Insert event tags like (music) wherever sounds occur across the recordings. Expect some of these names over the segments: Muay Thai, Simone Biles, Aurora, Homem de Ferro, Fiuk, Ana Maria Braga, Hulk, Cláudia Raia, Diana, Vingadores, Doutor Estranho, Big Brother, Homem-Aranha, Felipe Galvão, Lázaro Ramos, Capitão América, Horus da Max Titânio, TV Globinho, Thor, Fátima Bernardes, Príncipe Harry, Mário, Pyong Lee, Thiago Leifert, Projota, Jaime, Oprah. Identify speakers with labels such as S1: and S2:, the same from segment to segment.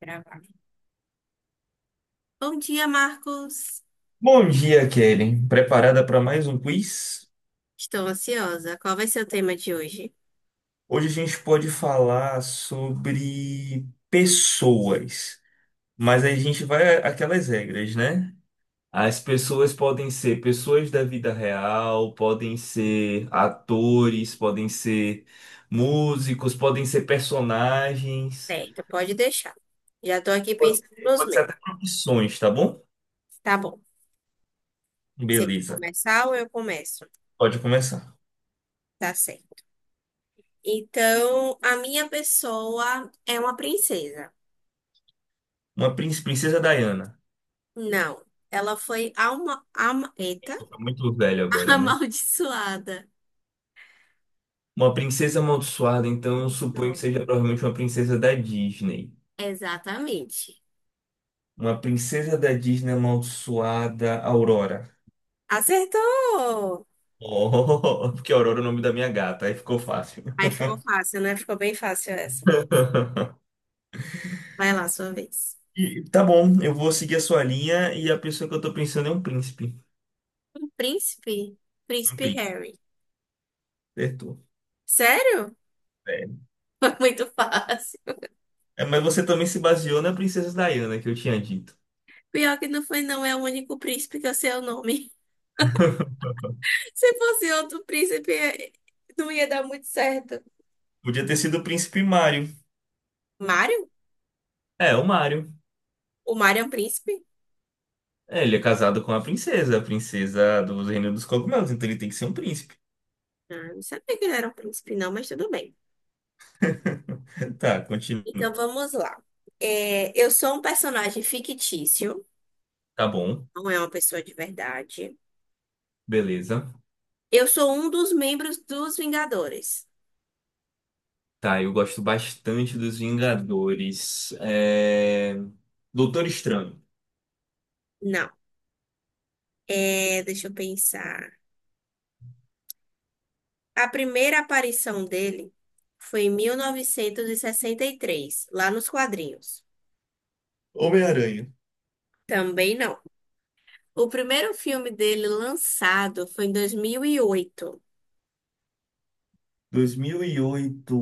S1: Gravar. Bom dia, Marcos.
S2: Bom dia, Kelly. Preparada para mais um quiz?
S1: Estou ansiosa. Qual vai ser o tema de hoje?
S2: Hoje a gente pode falar sobre pessoas, mas aí a gente vai àquelas regras, né? As pessoas podem ser pessoas da vida real, podem ser atores, podem ser músicos, podem ser personagens,
S1: Certo, pode deixar. Já estou aqui
S2: pode
S1: pensando
S2: ser,
S1: nos
S2: pode ser
S1: meus.
S2: até profissões, tá bom?
S1: Tá bom. Você quer
S2: Beleza.
S1: começar ou eu começo?
S2: Pode começar.
S1: Tá certo. Então, a minha pessoa é uma princesa.
S2: Uma princesa Diana.
S1: Não, ela foi alma, ama, eita,
S2: Estou muito velho
S1: (laughs)
S2: agora, né?
S1: amaldiçoada.
S2: Uma princesa amaldiçoada, então eu suponho que
S1: Isso.
S2: seja provavelmente uma princesa da Disney.
S1: Exatamente.
S2: Uma princesa da Disney amaldiçoada, Aurora.
S1: Acertou!
S2: Oh, (laughs) porque Aurora é o nome da minha gata, aí ficou fácil.
S1: Aí ficou fácil, né? Ficou bem fácil essa.
S2: (laughs)
S1: Vai lá, sua vez.
S2: Tá bom, eu vou seguir a sua linha e a pessoa que eu tô pensando é um príncipe.
S1: Um príncipe?
S2: Um
S1: Príncipe
S2: príncipe,
S1: Harry.
S2: certo
S1: Sério?
S2: é.
S1: (laughs) Foi muito fácil.
S2: É, mas você também se baseou na princesa Diana que eu tinha dito.
S1: Pior que não foi, não. É o único príncipe que eu sei o nome. (laughs) Se fosse outro príncipe, não ia dar muito certo.
S2: Podia ter sido o príncipe Mário.
S1: Mário?
S2: É, o Mário.
S1: O Mário é um príncipe?
S2: É, ele é casado com a princesa do Reino dos Cogumelos, então ele tem que ser um príncipe.
S1: Ah, não sabia que ele era um príncipe, não, mas tudo bem.
S2: (laughs) Tá, continua.
S1: Então vamos lá. É, eu sou um personagem fictício,
S2: Tá bom,
S1: não é uma pessoa de verdade.
S2: beleza.
S1: Eu sou um dos membros dos Vingadores.
S2: Tá, eu gosto bastante dos Vingadores. Doutor Estranho.
S1: Não. É, deixa eu pensar. A primeira aparição dele foi em mil novecentos e sessenta e três, lá nos quadrinhos.
S2: Homem-Aranha.
S1: Também não. O primeiro filme dele lançado foi em 2008.
S2: 2008.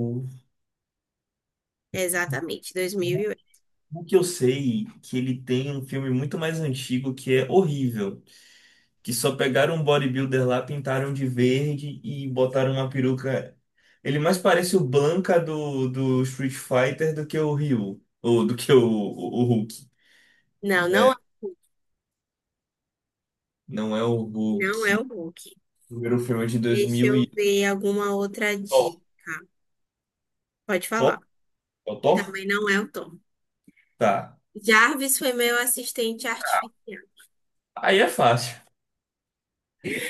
S1: Exatamente, 2008.
S2: O que eu sei, que ele tem um filme muito mais antigo que é horrível, que só pegaram um bodybuilder lá, pintaram de verde e botaram uma peruca. Ele mais parece o Blanca do Street Fighter do que o Ryu, ou do que o Hulk.
S1: Não, não,
S2: É, não é o
S1: não é o
S2: Hulk.
S1: Hulk.
S2: Primeiro filme é de dois
S1: Deixa
S2: mil
S1: eu
S2: e...
S1: ver alguma outra
S2: Thor,
S1: dica. Pode falar.
S2: Thor, é o Thor?
S1: Também não é o Tom.
S2: Tá.
S1: Jarvis foi meu assistente artificial.
S2: Aí é fácil.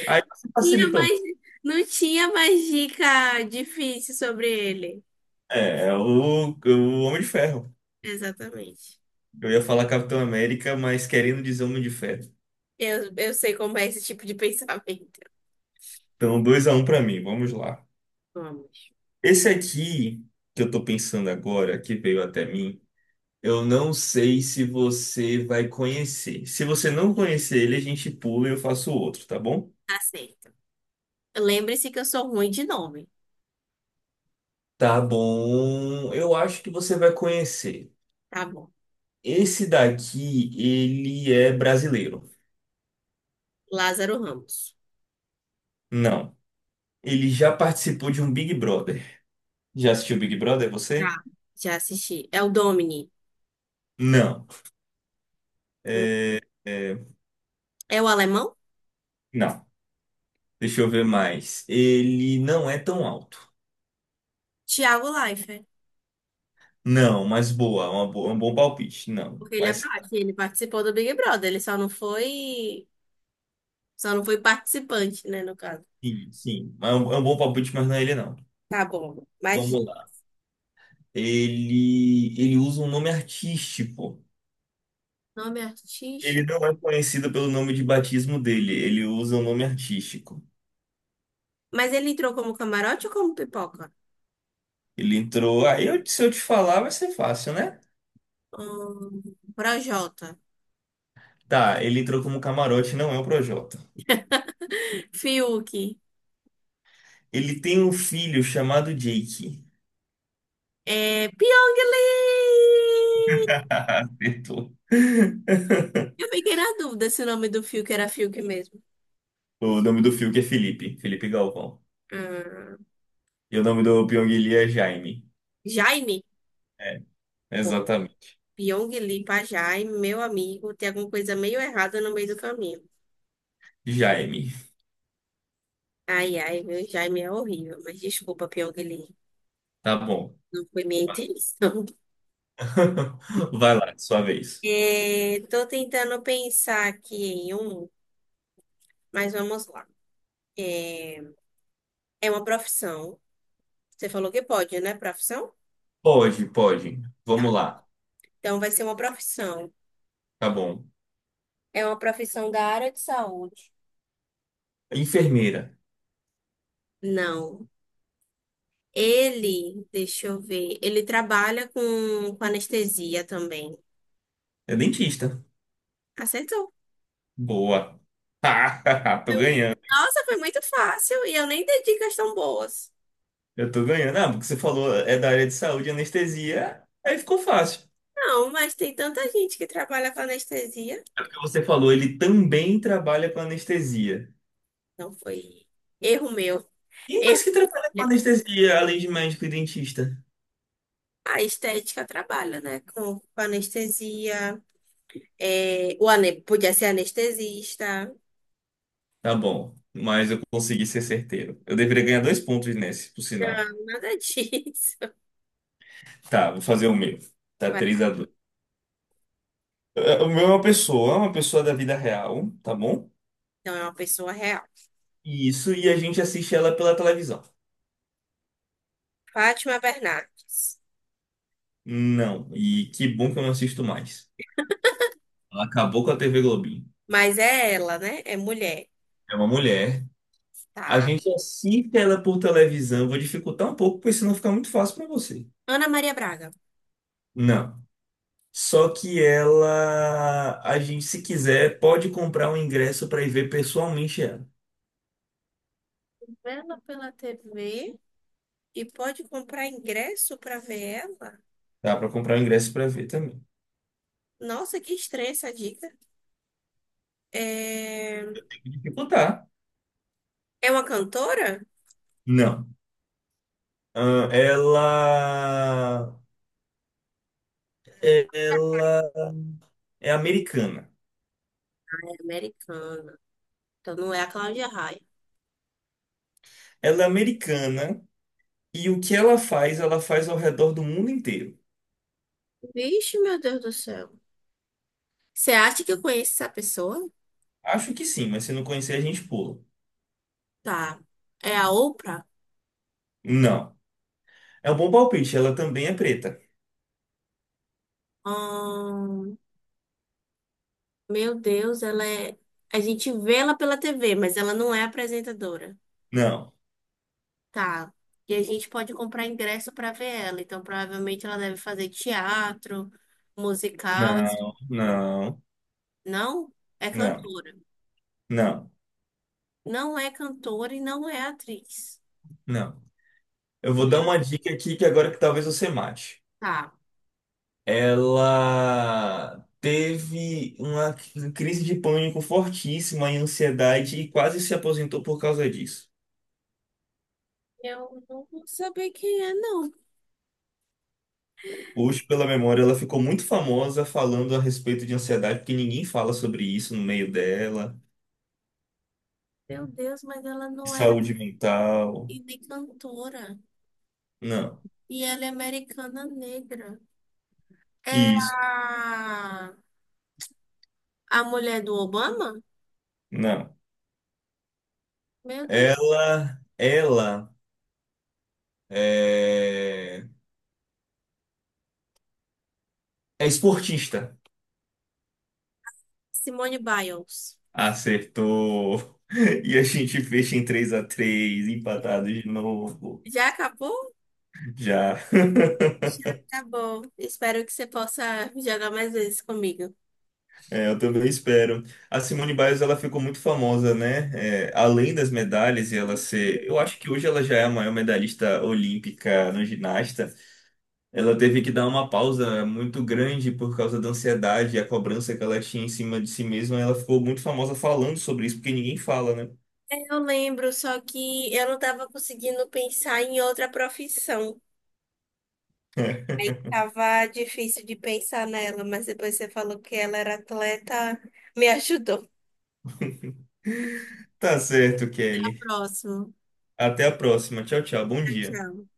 S2: Aí você
S1: Tinha
S2: facilita muito.
S1: mais, não tinha mais dica difícil sobre ele.
S2: É, é o Homem de Ferro.
S1: Exatamente.
S2: Eu ia falar Capitão América, mas querendo dizer Homem de Ferro.
S1: Eu sei como é esse tipo de pensamento.
S2: Então, 2 a um para mim, vamos lá.
S1: Vamos.
S2: Esse aqui que eu tô pensando agora, que veio até mim, eu não sei se você vai conhecer. Se você não conhecer ele, a gente pula e eu faço outro, tá bom?
S1: Aceito. Lembre-se que eu sou ruim de nome.
S2: Tá bom. Eu acho que você vai conhecer.
S1: Tá bom.
S2: Esse daqui, ele é brasileiro.
S1: Lázaro Ramos.
S2: Não. Ele já participou de um Big Brother. Já assistiu Big Brother,
S1: Já.
S2: você?
S1: Já assisti. É o Domini.
S2: Não.
S1: Hum.
S2: É,
S1: É o alemão?
S2: não. Deixa eu ver mais. Ele não é tão alto.
S1: Thiago Leifert.
S2: Não, mas boa. É um bom palpite. Não.
S1: Porque ele é
S2: Mas
S1: baixo. E ele participou do Big Brother. Ele só não foi. Só não foi participante, né, no caso.
S2: sim, sim. Mas é um, é um bom palpite, mas não é ele, não.
S1: Tá bom. Mas
S2: Vamos lá. Ele usa um nome artístico.
S1: nome
S2: Ele
S1: artístico.
S2: não é conhecido pelo nome de batismo dele. Ele usa um nome artístico.
S1: Mas ele entrou como camarote ou como pipoca?
S2: Ele entrou. Aí, se eu te falar, vai ser fácil, né?
S1: Hum, Projota.
S2: Tá, ele entrou como camarote, não é o Projota.
S1: Fiuk.
S2: Ele tem um filho chamado Jake.
S1: É Pyong Lee!
S2: (laughs) Acertou.
S1: Eu fiquei na dúvida se o nome do Fiuk era Fiuk mesmo.
S2: O nome do Fiuk é Felipe, Felipe Galvão.
S1: Ah,
S2: E o nome do Pyong Lee é Jaime.
S1: Jaime?
S2: É,
S1: Pô,
S2: exatamente.
S1: Pyong Lee pra Jaime, meu amigo, tem alguma coisa meio errada no meio do caminho.
S2: Jaime.
S1: Ai, ai, meu Jaime é horrível, mas desculpa, Pyong Lee.
S2: Tá bom.
S1: Não foi minha intenção. (laughs)
S2: (laughs) Vai lá, sua vez.
S1: É, tô tentando pensar aqui em um, mas vamos lá. É uma profissão. Você falou que pode, né? Profissão?
S2: Pode, pode. Vamos
S1: Tá.
S2: lá.
S1: Então vai ser uma profissão.
S2: Tá bom.
S1: É uma profissão da área de saúde.
S2: Enfermeira.
S1: Não. Ele, deixa eu ver, ele trabalha com anestesia também.
S2: É dentista.
S1: Acertou.
S2: Boa. (laughs) Tô
S1: Eu-
S2: ganhando.
S1: Nossa, foi muito fácil e eu nem dei dicas tão boas.
S2: Eu tô ganhando. Ah, porque você falou é da área de saúde, anestesia. Aí ficou fácil.
S1: Não, mas tem tanta gente que trabalha com anestesia.
S2: É porque você falou, ele também trabalha com anestesia.
S1: Não foi erro meu.
S2: E mais
S1: Erro.
S2: que trabalha com anestesia, além de médico e dentista?
S1: A estética trabalha, né? Com anestesia. É, o ane... Podia ser anestesista.
S2: Tá bom, mas eu consegui ser certeiro. Eu deveria ganhar dois pontos nesse, por sinal.
S1: Não, nada (laughs) disso.
S2: Tá, vou fazer o meu. Tá
S1: Vai
S2: 3
S1: lá.
S2: a dois. O meu é uma pessoa da vida real, tá bom?
S1: Então é uma pessoa real.
S2: Isso, e a gente assiste ela pela televisão.
S1: Fátima Bernardes.
S2: Não, e que bom que eu não assisto mais. Ela acabou com a TV Globinho.
S1: Mas é ela, né? É mulher.
S2: É uma mulher. A
S1: Tá.
S2: gente assiste ela por televisão. Vou dificultar um pouco, porque senão fica muito fácil pra você.
S1: Ana Maria Braga.
S2: Não. Só que ela, a gente, se quiser, pode comprar um ingresso para ir ver pessoalmente ela.
S1: Vendo pela TV e pode comprar ingresso para ver ela?
S2: Dá para comprar um ingresso para ver também.
S1: Nossa, que estranha essa dica. É,
S2: Tem que dificultar.
S1: é uma cantora?
S2: Não. Ah, ela é americana.
S1: É americana. Então não é a Cláudia Raia.
S2: Ela é americana e o que ela faz ao redor do mundo inteiro.
S1: Vixe, meu Deus do céu. Você acha que eu conheço essa pessoa?
S2: Acho que sim, mas se não conhecer, a gente pula.
S1: Tá. É a Oprah?
S2: Não. É um bom palpite. Ela também é preta.
S1: Ahn, meu Deus, ela é. A gente vê ela pela TV, mas ela não é apresentadora.
S2: Não.
S1: Tá. E a gente pode comprar ingresso para ver ela. Então, provavelmente ela deve fazer teatro, musical, esse tipo
S2: Não,
S1: de coisa.
S2: não,
S1: Não é
S2: não,
S1: cantora.
S2: não,
S1: Não é cantora e não é atriz.
S2: não. Eu vou dar
S1: Meu,
S2: uma dica aqui que agora que talvez você mate.
S1: tá.
S2: Ela teve uma crise de pânico fortíssima e ansiedade e quase se aposentou por causa disso.
S1: Eu não vou saber quem é, não.
S2: Hoje, pela memória, ela ficou muito famosa falando a respeito de ansiedade, porque ninguém fala sobre isso no meio dela.
S1: Meu Deus, mas ela não é
S2: Saúde mental.
S1: e nem cantora.
S2: Não.
S1: E ela é americana negra. É
S2: Isso.
S1: a mulher do Obama?
S2: Não.
S1: Meu Deus.
S2: Ela é, é esportista.
S1: Simone Biles.
S2: Acertou. (laughs) E a gente fecha em três a três, empatado de novo.
S1: Já acabou?
S2: Já. (laughs)
S1: Tá bom. Espero que você possa jogar mais vezes comigo.
S2: É, eu também espero. A Simone Biles, ela ficou muito famosa, né? É, além das medalhas e ela ser... Eu acho que hoje ela já é a maior medalhista olímpica no ginasta. Ela teve que dar uma pausa muito grande por causa da ansiedade e a cobrança que ela tinha em cima de si mesma. Ela ficou muito famosa falando sobre isso, porque ninguém fala, né?
S1: Eu lembro, só que eu não estava conseguindo pensar em outra profissão.
S2: (laughs)
S1: Tava difícil de pensar nela, mas depois você falou que ela era atleta, me ajudou.
S2: Tá certo, Kelly.
S1: Próximo.
S2: Até a próxima. Tchau, tchau. Bom
S1: Tchau,
S2: dia.
S1: tchau.